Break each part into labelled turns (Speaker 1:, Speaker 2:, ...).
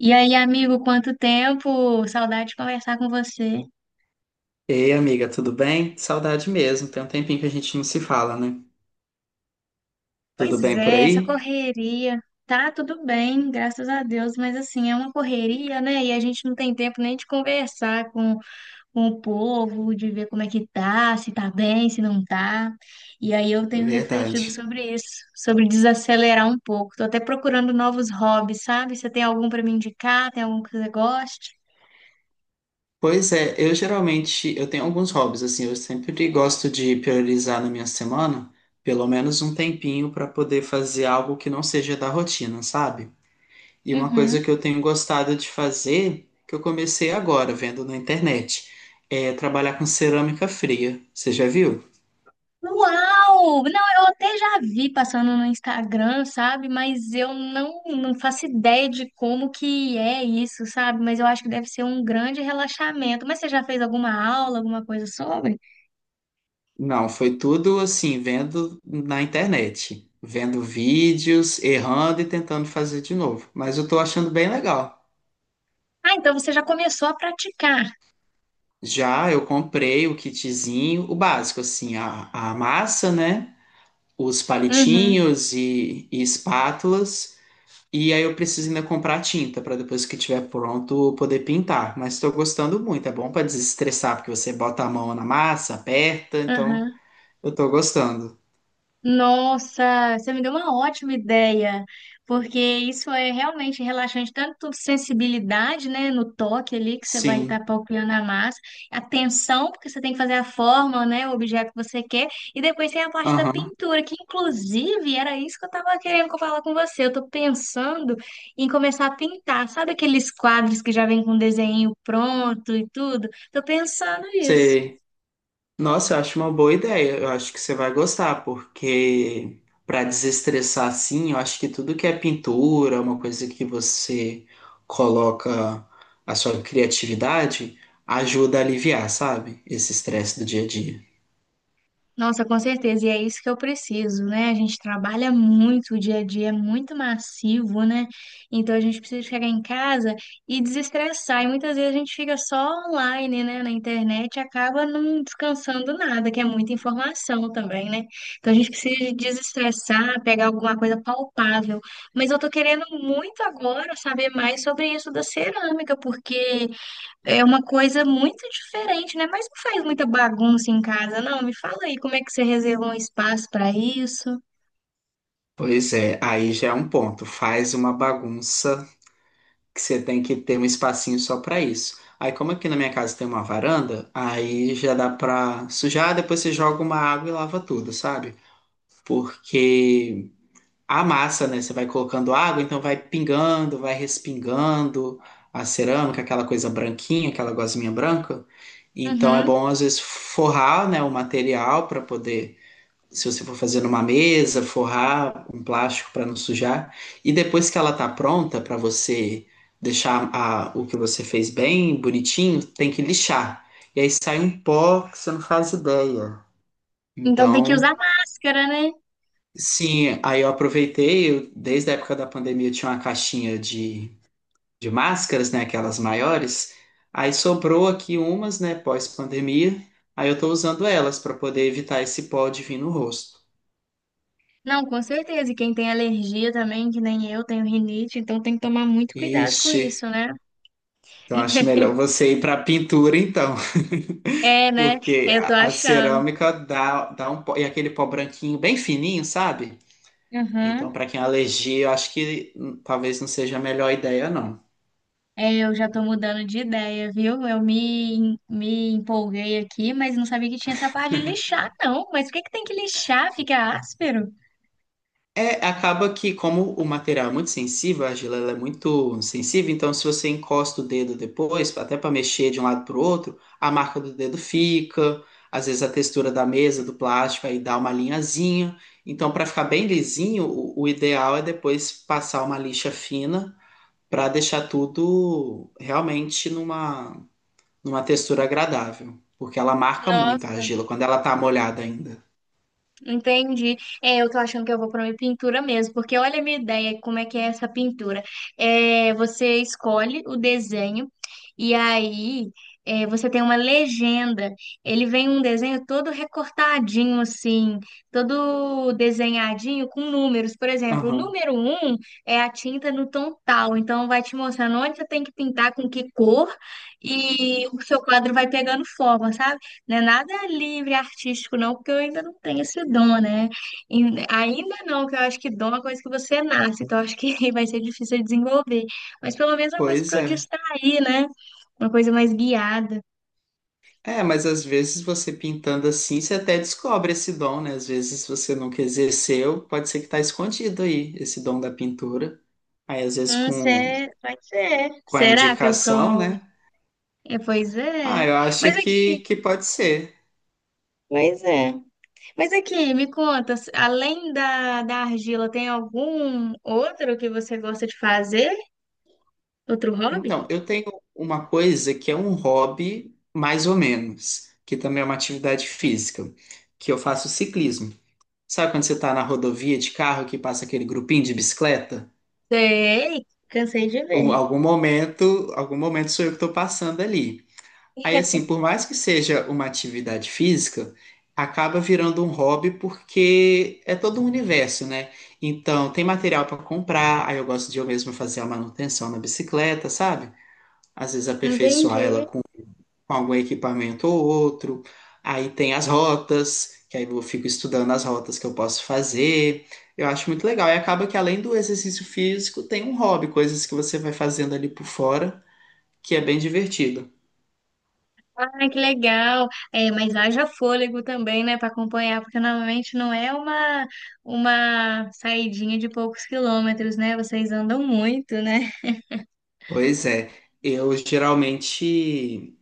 Speaker 1: E aí, amigo, quanto tempo? Saudade de conversar com você.
Speaker 2: Ei, amiga, tudo bem? Saudade mesmo. Tem um tempinho que a gente não se fala, né? Tudo
Speaker 1: Pois
Speaker 2: bem por
Speaker 1: é, essa
Speaker 2: aí?
Speaker 1: correria. Tá tudo bem, graças a Deus, mas assim, é uma correria, né? E a gente não tem tempo nem de conversar com o povo, de ver como é que tá, se tá bem, se não tá. E aí eu tenho refletido
Speaker 2: Verdade.
Speaker 1: sobre isso, sobre desacelerar um pouco. Tô até procurando novos hobbies, sabe? Você tem algum pra me indicar? Tem algum que você goste?
Speaker 2: Pois é, eu geralmente eu tenho alguns hobbies assim, eu sempre gosto de priorizar na minha semana pelo menos um tempinho para poder fazer algo que não seja da rotina, sabe? E uma coisa
Speaker 1: Uhum.
Speaker 2: que eu tenho gostado de fazer, que eu comecei agora vendo na internet, é trabalhar com cerâmica fria. Você já viu?
Speaker 1: Uau! Não, eu até já vi passando no Instagram, sabe? Mas eu não faço ideia de como que é isso, sabe? Mas eu acho que deve ser um grande relaxamento. Mas você já fez alguma aula, alguma coisa sobre?
Speaker 2: Não, foi tudo assim, vendo na internet, vendo vídeos, errando e tentando fazer de novo. Mas eu tô achando bem legal.
Speaker 1: Ah, então você já começou a praticar.
Speaker 2: Já eu comprei o kitzinho, o básico, assim, a massa, né? Os
Speaker 1: Uhum,
Speaker 2: palitinhos e espátulas. E aí eu preciso ainda comprar tinta para depois que estiver pronto eu poder pintar. Mas estou gostando muito, é bom para desestressar, porque você bota a mão na massa, aperta, então
Speaker 1: uhum.
Speaker 2: eu tô gostando.
Speaker 1: Nossa, você me deu uma ótima ideia, porque isso é realmente relaxante, tanto sensibilidade, né, no toque ali que você vai
Speaker 2: Sim,
Speaker 1: estar palpitando a massa, a tensão, porque você tem que fazer a forma, né, o objeto que você quer, e depois tem a parte da
Speaker 2: aham.
Speaker 1: pintura, que inclusive era isso que eu estava querendo falar com você. Eu estou pensando em começar a pintar, sabe aqueles quadros que já vem com desenho pronto e tudo? Estou pensando nisso.
Speaker 2: Sei. Nossa, eu acho uma boa ideia. Eu acho que você vai gostar, porque para desestressar assim, eu acho que tudo que é pintura, uma coisa que você coloca a sua criatividade, ajuda a aliviar, sabe? Esse estresse do dia a dia.
Speaker 1: Nossa, com certeza, e é isso que eu preciso, né? A gente trabalha muito, o dia a dia é muito massivo, né? Então a gente precisa chegar em casa e desestressar. E muitas vezes a gente fica só online, né, na internet e acaba não descansando nada, que é muita informação também, né? Então a gente precisa desestressar, pegar alguma coisa palpável. Mas eu tô querendo muito agora saber mais sobre isso da cerâmica, porque é uma coisa muito diferente, né? Mas não faz muita bagunça em casa, não. Me fala aí como é que você reservou um espaço para isso.
Speaker 2: Pois é, aí já é um ponto. Faz uma bagunça que você tem que ter um espacinho só para isso. Aí, como aqui na minha casa tem uma varanda, aí já dá pra sujar, depois você joga uma água e lava tudo, sabe? Porque a massa, né? Você vai colocando água, então vai pingando, vai respingando a cerâmica, aquela coisa branquinha, aquela gosminha branca. Então é
Speaker 1: Uhum.
Speaker 2: bom às vezes forrar, né, o material para poder, se você for fazer numa mesa, forrar um plástico para não sujar. E depois que ela tá pronta para você deixar o que você fez bem bonitinho, tem que lixar. E aí sai um pó que você não faz ideia.
Speaker 1: Então tem que
Speaker 2: Então
Speaker 1: usar máscara, né?
Speaker 2: sim, aí eu aproveitei, desde a época da pandemia eu tinha uma caixinha de máscaras, né, aquelas maiores, aí sobrou aqui umas, né, pós-pandemia, aí eu tô usando elas para poder evitar esse pó de vir no rosto.
Speaker 1: Não, com certeza. E quem tem alergia também, que nem eu, tenho rinite, então tem que tomar muito cuidado com
Speaker 2: Ixi,
Speaker 1: isso, né?
Speaker 2: então acho melhor você ir para pintura então,
Speaker 1: É, né?
Speaker 2: porque
Speaker 1: Eu tô
Speaker 2: a
Speaker 1: achando.
Speaker 2: cerâmica dá um pó, e aquele pó branquinho bem fininho, sabe?
Speaker 1: Uhum.
Speaker 2: Então para quem é alergia, eu acho que talvez não seja a melhor ideia não.
Speaker 1: É, eu já tô mudando de ideia, viu? Eu me empolguei aqui, mas não sabia que tinha essa parte de lixar, não. Mas por que que tem que lixar? Fica áspero?
Speaker 2: É, acaba que, como o material é muito sensível, a argila ela é muito sensível, então se você encosta o dedo depois, até para mexer de um lado para o outro, a marca do dedo fica, às vezes a textura da mesa, do plástico, aí dá uma linhazinha. Então, para ficar bem lisinho, o ideal é depois passar uma lixa fina para deixar tudo realmente numa, numa textura agradável, porque ela marca muito a
Speaker 1: Nossa.
Speaker 2: argila quando ela tá molhada ainda.
Speaker 1: Entendi. É, eu tô achando que eu vou para uma pintura mesmo, porque olha a minha ideia, como é que é essa pintura. É, você escolhe o desenho e aí é, você tem uma legenda. Ele vem um desenho todo recortadinho assim, todo desenhadinho com números. Por exemplo, o
Speaker 2: Aham,
Speaker 1: número um é a tinta no tom tal, então vai te mostrando onde você tem que pintar, com que cor e o seu quadro vai pegando forma, sabe? Não é nada livre, artístico, não, porque eu ainda não tenho esse dom, né? E ainda não, que eu acho que dom é uma coisa que você nasce, então eu acho que vai ser difícil de desenvolver. Mas pelo menos é uma coisa
Speaker 2: pois
Speaker 1: para eu
Speaker 2: é.
Speaker 1: distrair, né? Uma coisa mais guiada.
Speaker 2: É, mas às vezes você pintando assim, você até descobre esse dom, né? Às vezes você nunca exerceu, pode ser que tá escondido aí, esse dom da pintura. Aí às vezes
Speaker 1: Pode ser.
Speaker 2: com a
Speaker 1: Será que eu
Speaker 2: indicação,
Speaker 1: sou.
Speaker 2: né?
Speaker 1: É, pois
Speaker 2: Ah,
Speaker 1: é.
Speaker 2: eu acho
Speaker 1: Mas aqui.
Speaker 2: que pode ser.
Speaker 1: Pois é. Mas aqui, me conta, além da, da argila, tem algum outro que você gosta de fazer? Outro hobby?
Speaker 2: Então, eu tenho uma coisa que é um hobby, mais ou menos, que também é uma atividade física, que eu faço ciclismo. Sabe quando você tá na rodovia de carro que passa aquele grupinho de bicicleta?
Speaker 1: Sei, cansei de ver.
Speaker 2: Algum momento, algum momento sou eu que tô passando ali. Aí, assim, por mais que seja uma atividade física, acaba virando um hobby porque é todo um universo, né? Então, tem material para comprar, aí eu gosto de eu mesmo fazer a manutenção na bicicleta, sabe? Às vezes aperfeiçoar ela
Speaker 1: Entendi.
Speaker 2: com algum equipamento ou outro. Aí tem as rotas, que aí eu fico estudando as rotas que eu posso fazer. Eu acho muito legal. E acaba que além do exercício físico, tem um hobby, coisas que você vai fazendo ali por fora, que é bem divertido.
Speaker 1: Ah, que legal. É, mas haja fôlego também, né, para acompanhar, porque normalmente não é uma saidinha de poucos quilômetros, né? Vocês andam muito, né?
Speaker 2: Pois é, eu geralmente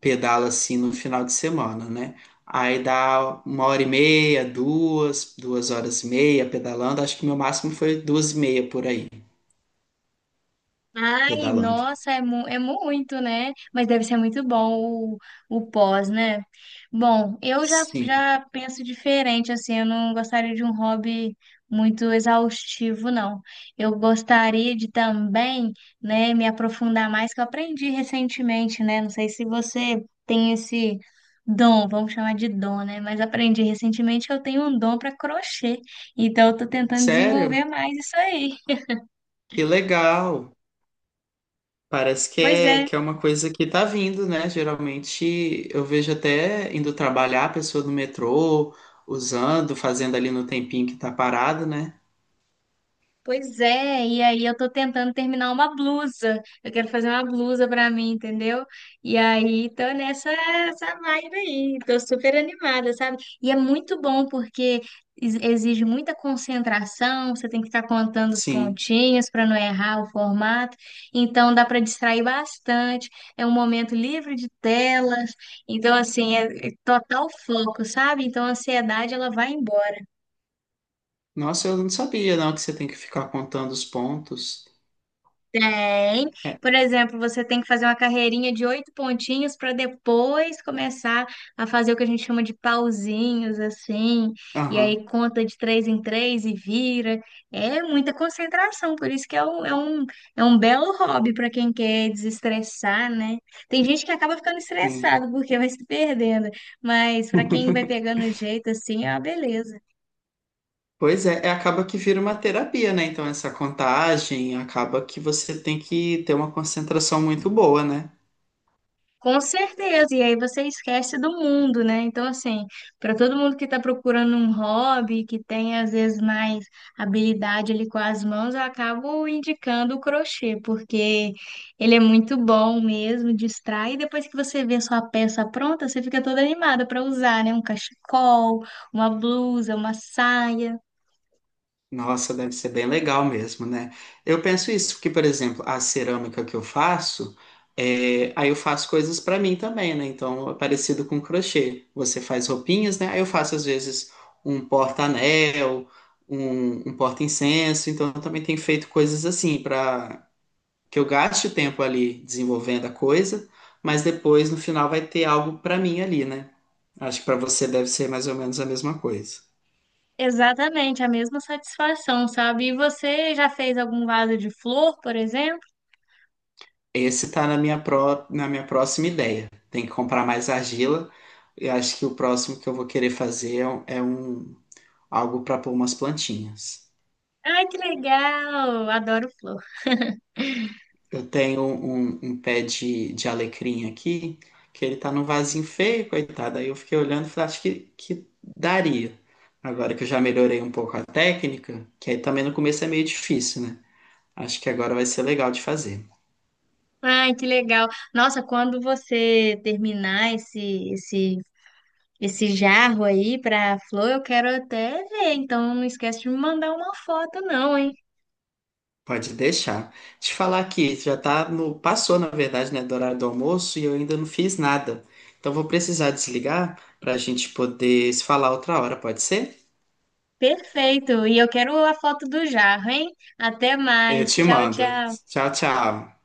Speaker 2: pedalo assim no final de semana, né? Aí dá uma hora e meia, duas, duas horas e meia pedalando. Acho que meu máximo foi duas e meia por aí,
Speaker 1: Ai,
Speaker 2: pedalando.
Speaker 1: nossa, é, mu é muito, né? Mas deve ser muito bom o, o pós, né? Bom, eu já,
Speaker 2: Sim.
Speaker 1: já penso diferente, assim, eu não gostaria de um hobby muito exaustivo, não. Eu gostaria de também, né, me aprofundar mais, que eu aprendi recentemente, né? Não sei se você tem esse dom, vamos chamar de dom, né? Mas aprendi recentemente que eu tenho um dom para crochê, então eu tô tentando
Speaker 2: Sério?
Speaker 1: desenvolver mais isso aí.
Speaker 2: Que legal! Parece
Speaker 1: Pois é,
Speaker 2: que é uma coisa que tá vindo, né? Geralmente eu vejo até indo trabalhar a pessoa no metrô, usando, fazendo ali no tempinho que tá parado, né?
Speaker 1: Pois é, e aí eu tô tentando terminar uma blusa. Eu quero fazer uma blusa pra mim, entendeu? E aí tô nessa essa vibe aí. Tô super animada, sabe? E é muito bom porque exige muita concentração, você tem que ficar contando os
Speaker 2: Sim.
Speaker 1: pontinhos pra não errar o formato. Então dá pra distrair bastante. É um momento livre de telas. Então assim, é total foco, sabe? Então a ansiedade ela vai embora.
Speaker 2: Nossa, eu não sabia, não, que você tem que ficar contando os pontos.
Speaker 1: Tem.
Speaker 2: É,
Speaker 1: Por exemplo, você tem que fazer uma carreirinha de oito pontinhos para depois começar a fazer o que a gente chama de pauzinhos, assim. E aí
Speaker 2: aham.
Speaker 1: conta de três em três e vira. É muita concentração, por isso que é um belo hobby para quem quer desestressar, né? Tem gente que acaba ficando
Speaker 2: Hum.
Speaker 1: estressado porque vai se perdendo, mas para quem vai pegando o jeito, assim, é uma beleza.
Speaker 2: Pois é, é, acaba que vira uma terapia, né? Então, essa contagem acaba que você tem que ter uma concentração muito boa, né?
Speaker 1: Com certeza, e aí você esquece do mundo, né? Então, assim, para todo mundo que está procurando um hobby, que tem às vezes mais habilidade ali com as mãos, eu acabo indicando o crochê, porque ele é muito bom mesmo, distrai, e depois que você vê a sua peça pronta, você fica toda animada para usar, né? Um cachecol, uma blusa, uma saia.
Speaker 2: Nossa, deve ser bem legal mesmo, né? Eu penso isso, porque, por exemplo, a cerâmica que eu faço, é, aí eu faço coisas para mim também, né? Então, é parecido com crochê. Você faz roupinhas, né? Aí eu faço, às vezes, um porta-anel, um porta-incenso. Então, eu também tenho feito coisas assim, para que eu gaste tempo ali desenvolvendo a coisa, mas depois, no final, vai ter algo para mim ali, né? Acho que para você deve ser mais ou menos a mesma coisa.
Speaker 1: Exatamente, a mesma satisfação, sabe? E você já fez algum vaso de flor, por exemplo?
Speaker 2: Esse tá na minha, na minha próxima ideia. Tem que comprar mais argila. E acho que o próximo que eu vou querer fazer é um, algo para pôr umas plantinhas.
Speaker 1: Ai, que legal! Adoro flor.
Speaker 2: Eu tenho um, um pé de alecrim aqui, que ele tá num vasinho feio, coitado. Aí eu fiquei olhando e falei, acho que daria. Agora que eu já melhorei um pouco a técnica, que aí também no começo é meio difícil, né? Acho que agora vai ser legal de fazer.
Speaker 1: Ai, que legal. Nossa, quando você terminar esse jarro aí para flor, eu quero até ver. Então não esquece de me mandar uma foto não, hein?
Speaker 2: Pode deixar. Te falar aqui já tá no, passou, na verdade, né, do horário do almoço e eu ainda não fiz nada. Então vou precisar desligar para a gente poder se falar outra hora, pode ser?
Speaker 1: Perfeito. E eu quero a foto do jarro, hein? Até
Speaker 2: Eu
Speaker 1: mais.
Speaker 2: te
Speaker 1: Tchau,
Speaker 2: mando.
Speaker 1: tchau.
Speaker 2: Tchau, tchau.